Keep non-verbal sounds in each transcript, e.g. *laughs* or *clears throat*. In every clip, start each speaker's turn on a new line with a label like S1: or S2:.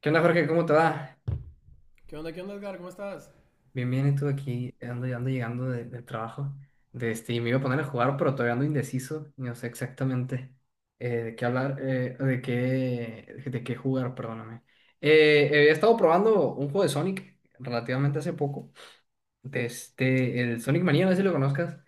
S1: ¿Qué onda, Jorge? ¿Cómo te va?
S2: Qué onda, Edgar? ¿Cómo estás?
S1: Bien, bien, y tú aquí ando llegando del trabajo. Y me iba a poner a jugar, pero todavía ando indeciso. No sé exactamente de qué hablar, de qué jugar, perdóname. He estado probando un juego de Sonic relativamente hace poco. El Sonic Mania, no sé si lo conozcas.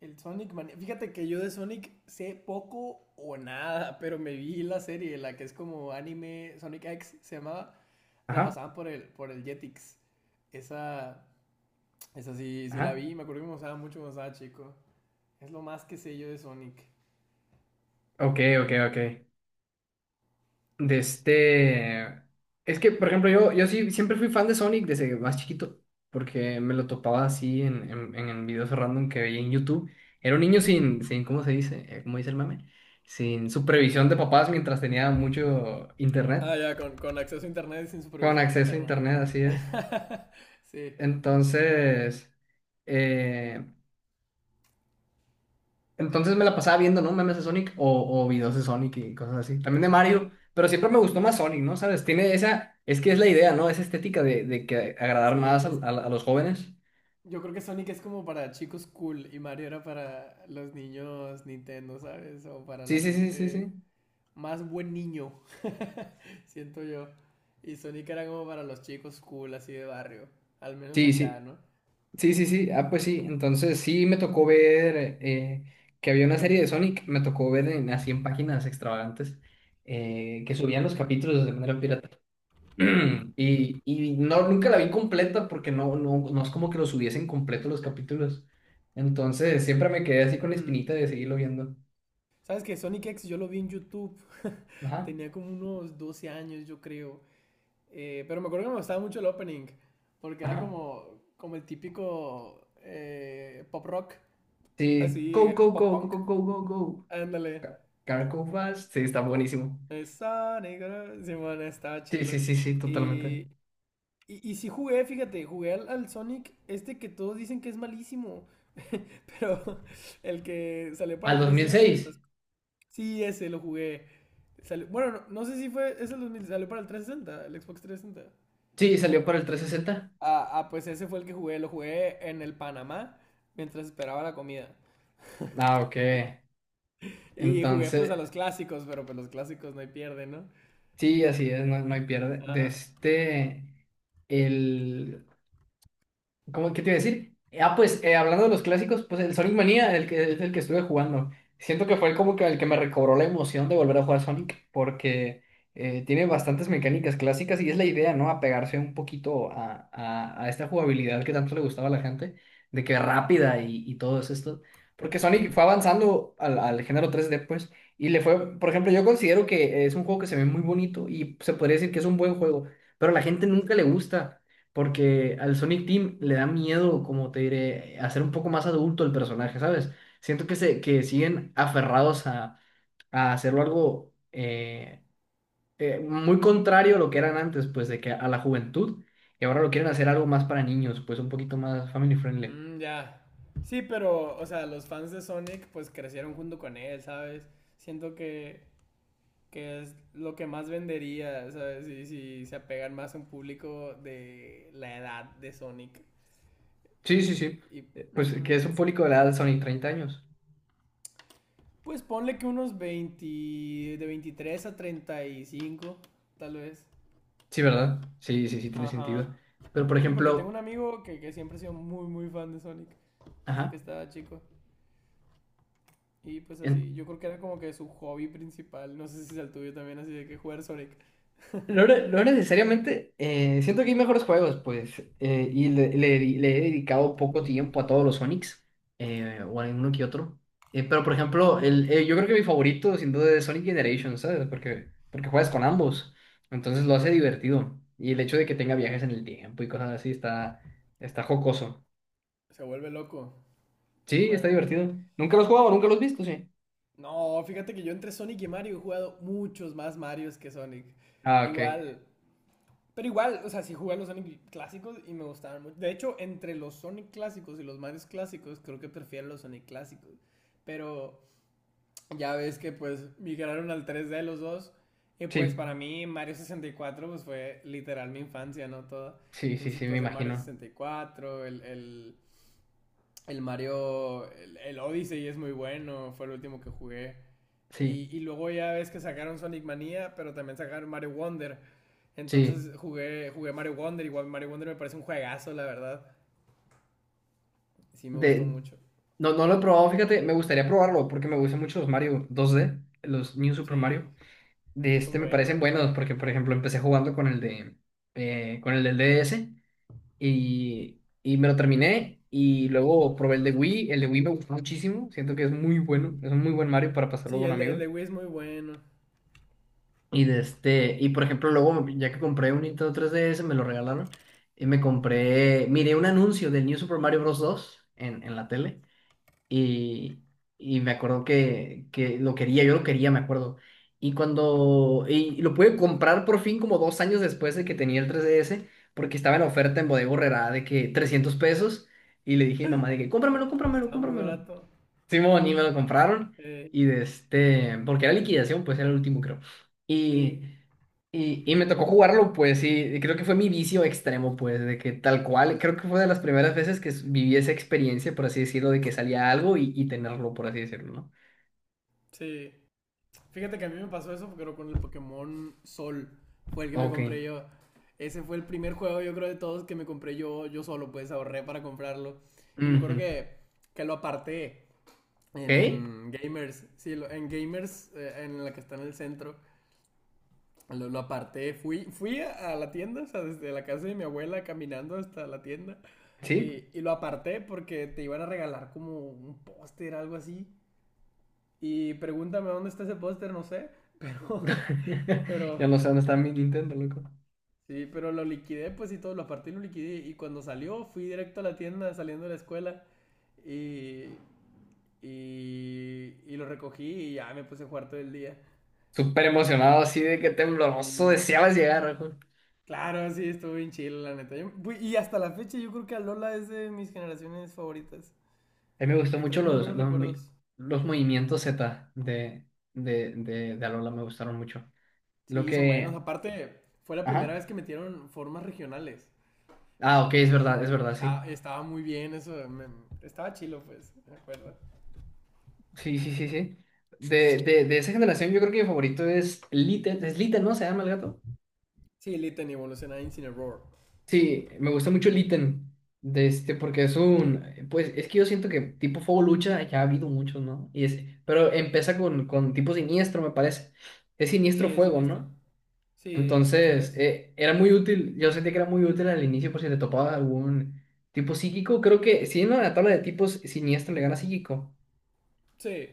S2: El Sonic Mania. Fíjate que yo de Sonic sé poco o nada, *laughs* pero me vi la serie, la que es como anime Sonic X, se llamaba. La
S1: Ajá,
S2: pasaban por el Jetix. Esa, esa sí, sí la
S1: ajá.
S2: vi, me acuerdo que me gustaba mucho cuando estaba chico. Es lo más que sé yo de Sonic.
S1: Ok, ok, ok. de este... Es que, por ejemplo, yo sí siempre fui fan de Sonic desde más chiquito, porque me lo topaba así en videos random que veía en YouTube. Era un niño sin, ¿cómo se dice? ¿Cómo dice el mame? Sin supervisión de papás mientras tenía mucho internet.
S2: Ah, ya, con acceso a internet y sin
S1: Con
S2: supervisión
S1: acceso a
S2: paterna.
S1: internet, así es.
S2: *laughs* Sí,
S1: Entonces, eh, Entonces me la pasaba viendo, ¿no? Memes de Sonic o videos de Sonic y cosas así. También de Mario, pero siempre me gustó más Sonic, ¿no? ¿Sabes? Tiene esa, es que es la idea, ¿no? Esa estética de que agradar
S2: sí,
S1: más
S2: es,
S1: a los jóvenes.
S2: yo creo que Sonic es como para chicos cool y Mario era para los niños Nintendo, ¿sabes? O para
S1: Sí,
S2: la
S1: sí, sí, sí,
S2: gente
S1: sí.
S2: más buen niño, *laughs* siento yo. Y Sonic era como para los chicos cool, así de barrio. Al menos
S1: Sí,
S2: acá,
S1: sí,
S2: ¿no?
S1: sí, sí, sí. Ah, pues sí. Entonces sí me tocó ver que había una serie de Sonic, me tocó ver en, así en páginas extravagantes que subían los capítulos de manera pirata. *clears throat* Y no, nunca la vi completa porque no, no, no es como que lo subiesen completo los capítulos. Entonces siempre me quedé así con la
S2: Uh-huh.
S1: espinita de seguirlo viendo.
S2: Sabes que Sonic X yo lo vi en YouTube. *laughs*
S1: Ajá,
S2: Tenía como unos 12 años, yo creo. Pero me acuerdo que me gustaba mucho el opening. Porque era
S1: ajá.
S2: como el típico pop rock.
S1: Sí.
S2: Así,
S1: Go, go,
S2: pop
S1: go, go,
S2: punk.
S1: go, go, go, go.
S2: Ándale.
S1: Car Go Fast. Sí, está buenísimo.
S2: Sonic, ¿no? Simón, estaba
S1: Sí, sí,
S2: chilo.
S1: sí, sí, totalmente.
S2: Y, y sí jugué, fíjate, jugué al Sonic, este que todos dicen que es malísimo, *laughs* pero el que salió para
S1: ¿Al
S2: el
S1: dos mil
S2: 360, que
S1: seis
S2: estás... Sí, ese lo jugué. Bueno, no, no sé si fue, es el 2000, salió para el 360, el Xbox 360.
S1: Sí, salió para el 360.
S2: Ah, ah, pues ese fue el que jugué, lo jugué en el Panamá mientras esperaba la comida.
S1: Ah, ok.
S2: Y jugué pues
S1: Entonces,
S2: a los clásicos, pero pues los clásicos no hay pierde, ¿no?
S1: sí, así es, no, no hay pierde.
S2: Ajá.
S1: El... ¿Cómo, qué te iba a decir? Ah, pues hablando de los clásicos, pues el Sonic Mania, el que es el que estuve jugando. Siento que fue como que el que me recobró la emoción de volver a jugar Sonic, porque tiene bastantes mecánicas clásicas y es la idea, ¿no? Apegarse un poquito a esta jugabilidad que tanto le gustaba a la gente, de que rápida y todo es esto. Porque Sonic fue avanzando al género 3D, pues, y le fue, por ejemplo, yo considero que es un juego que se ve muy bonito y se podría decir que es un buen juego, pero a la gente nunca le gusta porque al Sonic Team le da miedo, como te diré, hacer un poco más adulto el personaje, ¿sabes? Siento que, que siguen aferrados a hacerlo algo muy contrario a lo que eran antes, pues de que a la juventud, y ahora lo quieren hacer algo más para niños, pues un poquito más family friendly.
S2: Mm, ya. Sí, pero, o sea, los fans de Sonic pues crecieron junto con él, ¿sabes? Siento que es lo que más vendería, ¿sabes? Y si se apegan más a un público de la edad de Sonic.
S1: Sí, sí,
S2: Eh,
S1: sí.
S2: y,
S1: Pues que
S2: Ujú.
S1: es un público de la edad de Sonic 30 años.
S2: Pues ponle que unos 20, de 23 a 35, tal vez.
S1: Sí, ¿verdad? Sí, sí, sí, tiene sentido.
S2: Ajá.
S1: Pero por
S2: Sí, porque tengo un
S1: ejemplo,
S2: amigo que siempre ha sido muy, muy fan de Sonic, desde que
S1: ajá.
S2: estaba chico. Y pues así, yo
S1: en-
S2: creo que era como que su hobby principal, no sé si es el tuyo también, así de que jugar Sonic.
S1: No,
S2: *laughs*
S1: no necesariamente, siento que hay mejores juegos, pues, y le he dedicado poco tiempo a todos los Sonics, o a uno que otro. Pero, por ejemplo, yo creo que mi favorito, sin duda, es Sonic Generations, ¿sabes? Porque juegas con ambos, entonces lo hace divertido. Y el hecho de que tenga viajes en el tiempo y cosas así está jocoso.
S2: Se vuelve loco el
S1: Sí, está
S2: juego.
S1: divertido. Nunca los he jugado, nunca los he visto, sí.
S2: No, fíjate que yo entre Sonic y Mario he jugado muchos más Marios que Sonic.
S1: Ah, ok.
S2: Igual, pero igual, o sea, sí jugué a los Sonic clásicos y me gustaban mucho. De hecho, entre los Sonic clásicos y los Marios clásicos, creo que prefiero los Sonic clásicos. Pero ya ves que pues migraron al 3D los dos. Y pues
S1: Sí,
S2: para mí Mario 64 pues fue literal mi infancia, ¿no? Toda.
S1: sí, sí,
S2: Entonces
S1: sí, me
S2: pues el Mario
S1: imagino.
S2: 64, el Mario, el Odyssey es muy bueno, fue el último que jugué.
S1: Sí,
S2: Y luego ya ves que sacaron Sonic Mania, pero también sacaron Mario Wonder.
S1: sí.
S2: Entonces jugué Mario Wonder. Igual Mario Wonder me parece un juegazo, la verdad. Sí, me gustó
S1: De,
S2: mucho.
S1: No, no lo he probado, fíjate, me gustaría probarlo porque me gustan mucho los Mario 2D, los New Super
S2: Sí,
S1: Mario. De
S2: sí,
S1: este
S2: son
S1: me
S2: buenos.
S1: parecen buenos porque, por ejemplo, empecé jugando con el del DS y me lo terminé y luego probé el de Wii. El de Wii me gustó muchísimo, siento que es muy bueno, es un muy buen Mario para pasarlo
S2: Sí,
S1: con
S2: el
S1: amigos.
S2: de Wii es muy bueno.
S1: Y por ejemplo, luego ya que compré un Nintendo 3DS, me lo regalaron y me compré, miré un anuncio del New Super Mario Bros. 2 en la tele. Y, y me acuerdo que lo quería, yo lo quería, me acuerdo. Y lo pude comprar por fin como 2 años después de que tenía el 3DS, porque estaba en oferta en Bodega Aurrerá de que 300 pesos. Y le dije a mi mamá de que, cómpramelo, cómpramelo,
S2: Estaba muy
S1: cómpramelo.
S2: barato.
S1: Simón, y me lo compraron.
S2: Sí,
S1: Y porque era liquidación, pues era el último, creo.
S2: sí,
S1: Y, y me tocó jugarlo, pues, y creo que fue mi vicio extremo, pues, de que tal cual, creo que fue de las primeras veces que viví esa experiencia, por así decirlo, de que salía algo y tenerlo, por así decirlo, ¿no?
S2: sí. Fíjate que a mí me pasó eso, pero con el Pokémon Sol. Fue el que me
S1: Ok.
S2: compré yo. Ese fue el primer juego, yo creo, de todos que me compré yo, yo solo, pues ahorré para comprarlo. Y me
S1: Ujú.
S2: acuerdo que lo aparté. En,
S1: ¿Ok?
S2: en Gamers, sí, en Gamers, en la que está en el centro, lo aparté. Fui a la tienda, o sea, desde la casa de mi abuela caminando hasta la tienda.
S1: ¿Sí?
S2: Y lo aparté porque te iban a regalar como un póster, algo así. Y pregúntame dónde está ese póster, no sé. Pero, *laughs*
S1: *laughs*
S2: pero,
S1: Ya no sé dónde está mi Nintendo, loco.
S2: sí, pero lo liquidé, pues y todo, lo aparté y lo liquidé. Y cuando salió, fui directo a la tienda saliendo de la escuela. Y, y lo recogí y ya me puse a jugar todo el día.
S1: Súper emocionado, así de que tembloroso, deseabas llegar.
S2: Claro, sí, estuvo bien chido, la neta. Y hasta la fecha yo creo que Alola es de mis generaciones favoritas.
S1: A mí me gustó
S2: Me
S1: mucho
S2: trae muy buenos recuerdos.
S1: los movimientos Z de Alola, me gustaron mucho. Lo
S2: Sí, son buenos.
S1: que...
S2: Aparte, fue la primera
S1: Ajá.
S2: vez que metieron formas regionales.
S1: Ah, ok,
S2: Y
S1: es verdad, sí.
S2: estaba muy bien eso. Estaba chilo, pues, me acuerdo.
S1: Sí, sí, sí, sí. De esa generación yo creo que mi favorito es Litten. Es Litten, ¿no? ¿Se llama el gato?
S2: Sí, Litten evoluciona Incineroar.
S1: Sí, me gusta mucho Litten. Porque es un... Pues es que yo siento que tipo Fuego Lucha ya ha habido muchos, ¿no? Pero empieza con tipo siniestro, me parece. Es
S2: Sí,
S1: siniestro
S2: es
S1: fuego,
S2: siniestro.
S1: ¿no?
S2: Sí, los
S1: Entonces,
S2: tres.
S1: era muy útil, yo sentí que era muy útil al inicio por si te topaba algún tipo psíquico. Creo que si no, en la tabla de tipos siniestro le gana psíquico.
S2: Sí.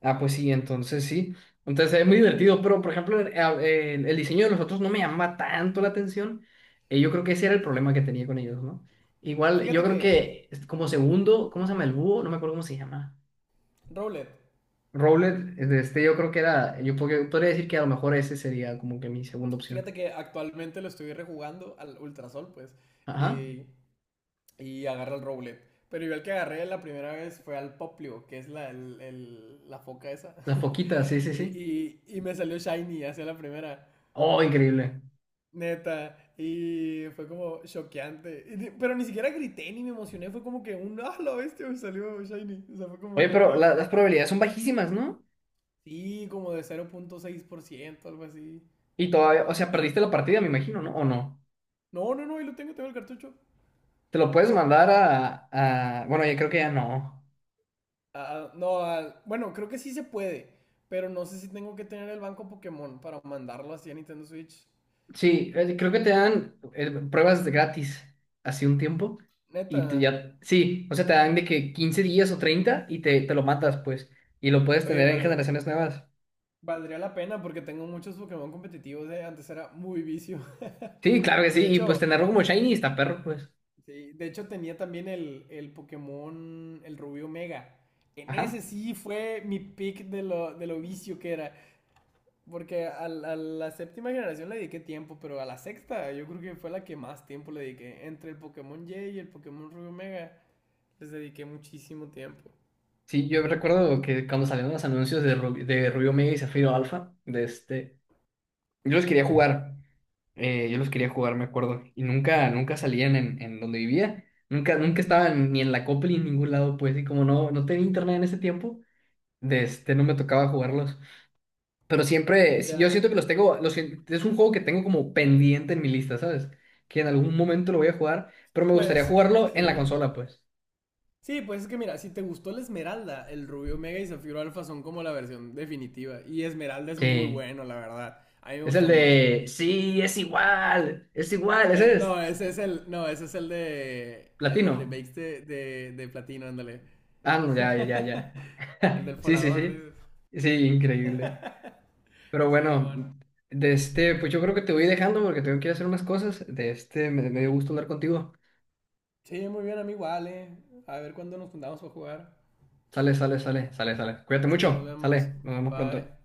S1: Ah, pues sí. Entonces es muy divertido, pero por ejemplo, el diseño de los otros no me llama tanto la atención. Yo creo que ese era el problema que tenía con ellos, ¿no? Igual, yo
S2: Fíjate
S1: creo
S2: que,
S1: que es como
S2: mm,
S1: segundo, ¿cómo se llama el búho? No me acuerdo cómo se llama.
S2: Rowlet.
S1: Rowlet, de este yo podría decir que a lo mejor ese sería como que mi segunda
S2: Fíjate
S1: opción.
S2: que actualmente lo estoy rejugando al Ultrasol, pues.
S1: Ajá.
S2: Y y agarra el roble. Pero yo el que agarré la primera vez fue al Poplio, que es la foca esa.
S1: La foquita, sí,
S2: *laughs*
S1: sí,
S2: Y,
S1: sí.
S2: y- y me salió Shiny hacia la primera.
S1: Oh, increíble.
S2: Neta. Y fue como choqueante. Pero ni siquiera grité ni me emocioné. Fue como que un *laughs* ah, la bestia me salió Shiny. O sea, fue como
S1: Oye,
S2: un
S1: pero
S2: ah.
S1: las
S2: Qué-".
S1: probabilidades son bajísimas, ¿no?
S2: Sí, como de 0,6% algo así.
S1: Y todavía, o sea, perdiste la partida, me imagino, ¿no? ¿O no?
S2: No, no, no, ahí lo tengo, tengo el cartucho.
S1: Te lo puedes mandar a, bueno, yo creo que ya no.
S2: Ah, ah, no, ah, bueno, creo que sí se puede. Pero no sé si tengo que tener el banco Pokémon para mandarlo así a Nintendo Switch.
S1: Sí, creo que te dan pruebas de gratis hace un tiempo y te
S2: Neta,
S1: ya... Sí, o sea, te dan de que 15 días o 30 y te lo matas, pues. Y lo puedes
S2: oye,
S1: tener en generaciones nuevas.
S2: valdría la pena porque tengo muchos Pokémon competitivos. Antes era muy vicio. *laughs*
S1: Sí, claro que
S2: Y
S1: sí.
S2: de
S1: Y pues
S2: hecho,
S1: tenerlo como shiny está perro, pues.
S2: sí, de hecho tenía también el Pokémon, el Rubio Mega. En ese
S1: Ajá.
S2: sí fue mi pick de lo vicio que era. Porque a la séptima generación le dediqué tiempo, pero a la sexta yo creo que fue la que más tiempo le dediqué. Entre el Pokémon Y y el Pokémon Rubio Mega, les dediqué muchísimo tiempo.
S1: Sí, yo recuerdo que cuando salieron los anuncios de Rubio Omega y Zafiro Alpha. Yo los quería jugar, yo los quería jugar, me acuerdo, y nunca, nunca salían en donde vivía, nunca, nunca estaban ni en la copla ni en ningún lado, pues, y como no, no tenía internet en ese tiempo, no me tocaba jugarlos, pero siempre, sí, yo
S2: Ya,
S1: siento que los tengo, es un juego que tengo como pendiente en mi lista, ¿sabes? Que en algún momento lo voy a jugar, pero me gustaría
S2: pues,
S1: jugarlo en la
S2: sí.
S1: consola, pues.
S2: Sí, pues es que mira, si te gustó la Esmeralda, el Rubio Mega y Zafiro Alfa son como la versión definitiva. Y Esmeralda es muy
S1: Sí,
S2: bueno, la verdad. A mí me
S1: es el
S2: gustó mucho.
S1: de, sí, es igual, ese
S2: Eh,
S1: es,
S2: no, ese es el, no, ese es el de el,
S1: platino.
S2: los remakes de Platino, ándale.
S1: Ah, no, ya, ya, ya, ya.
S2: *laughs* El del
S1: *laughs* Sí, sí,
S2: Folagor,
S1: sí.
S2: dices.
S1: Sí, increíble. Pero
S2: Sí, bueno.
S1: bueno, pues yo creo que te voy dejando porque tengo que ir a hacer unas cosas. Me dio gusto hablar contigo.
S2: Sí, muy bien, amigo, vale. A ver cuándo nos juntamos para jugar.
S1: Sale, sale, sale, sale, sale. Cuídate
S2: Sí, nos
S1: mucho.
S2: vemos.
S1: Sale, nos vemos pronto.
S2: Bye.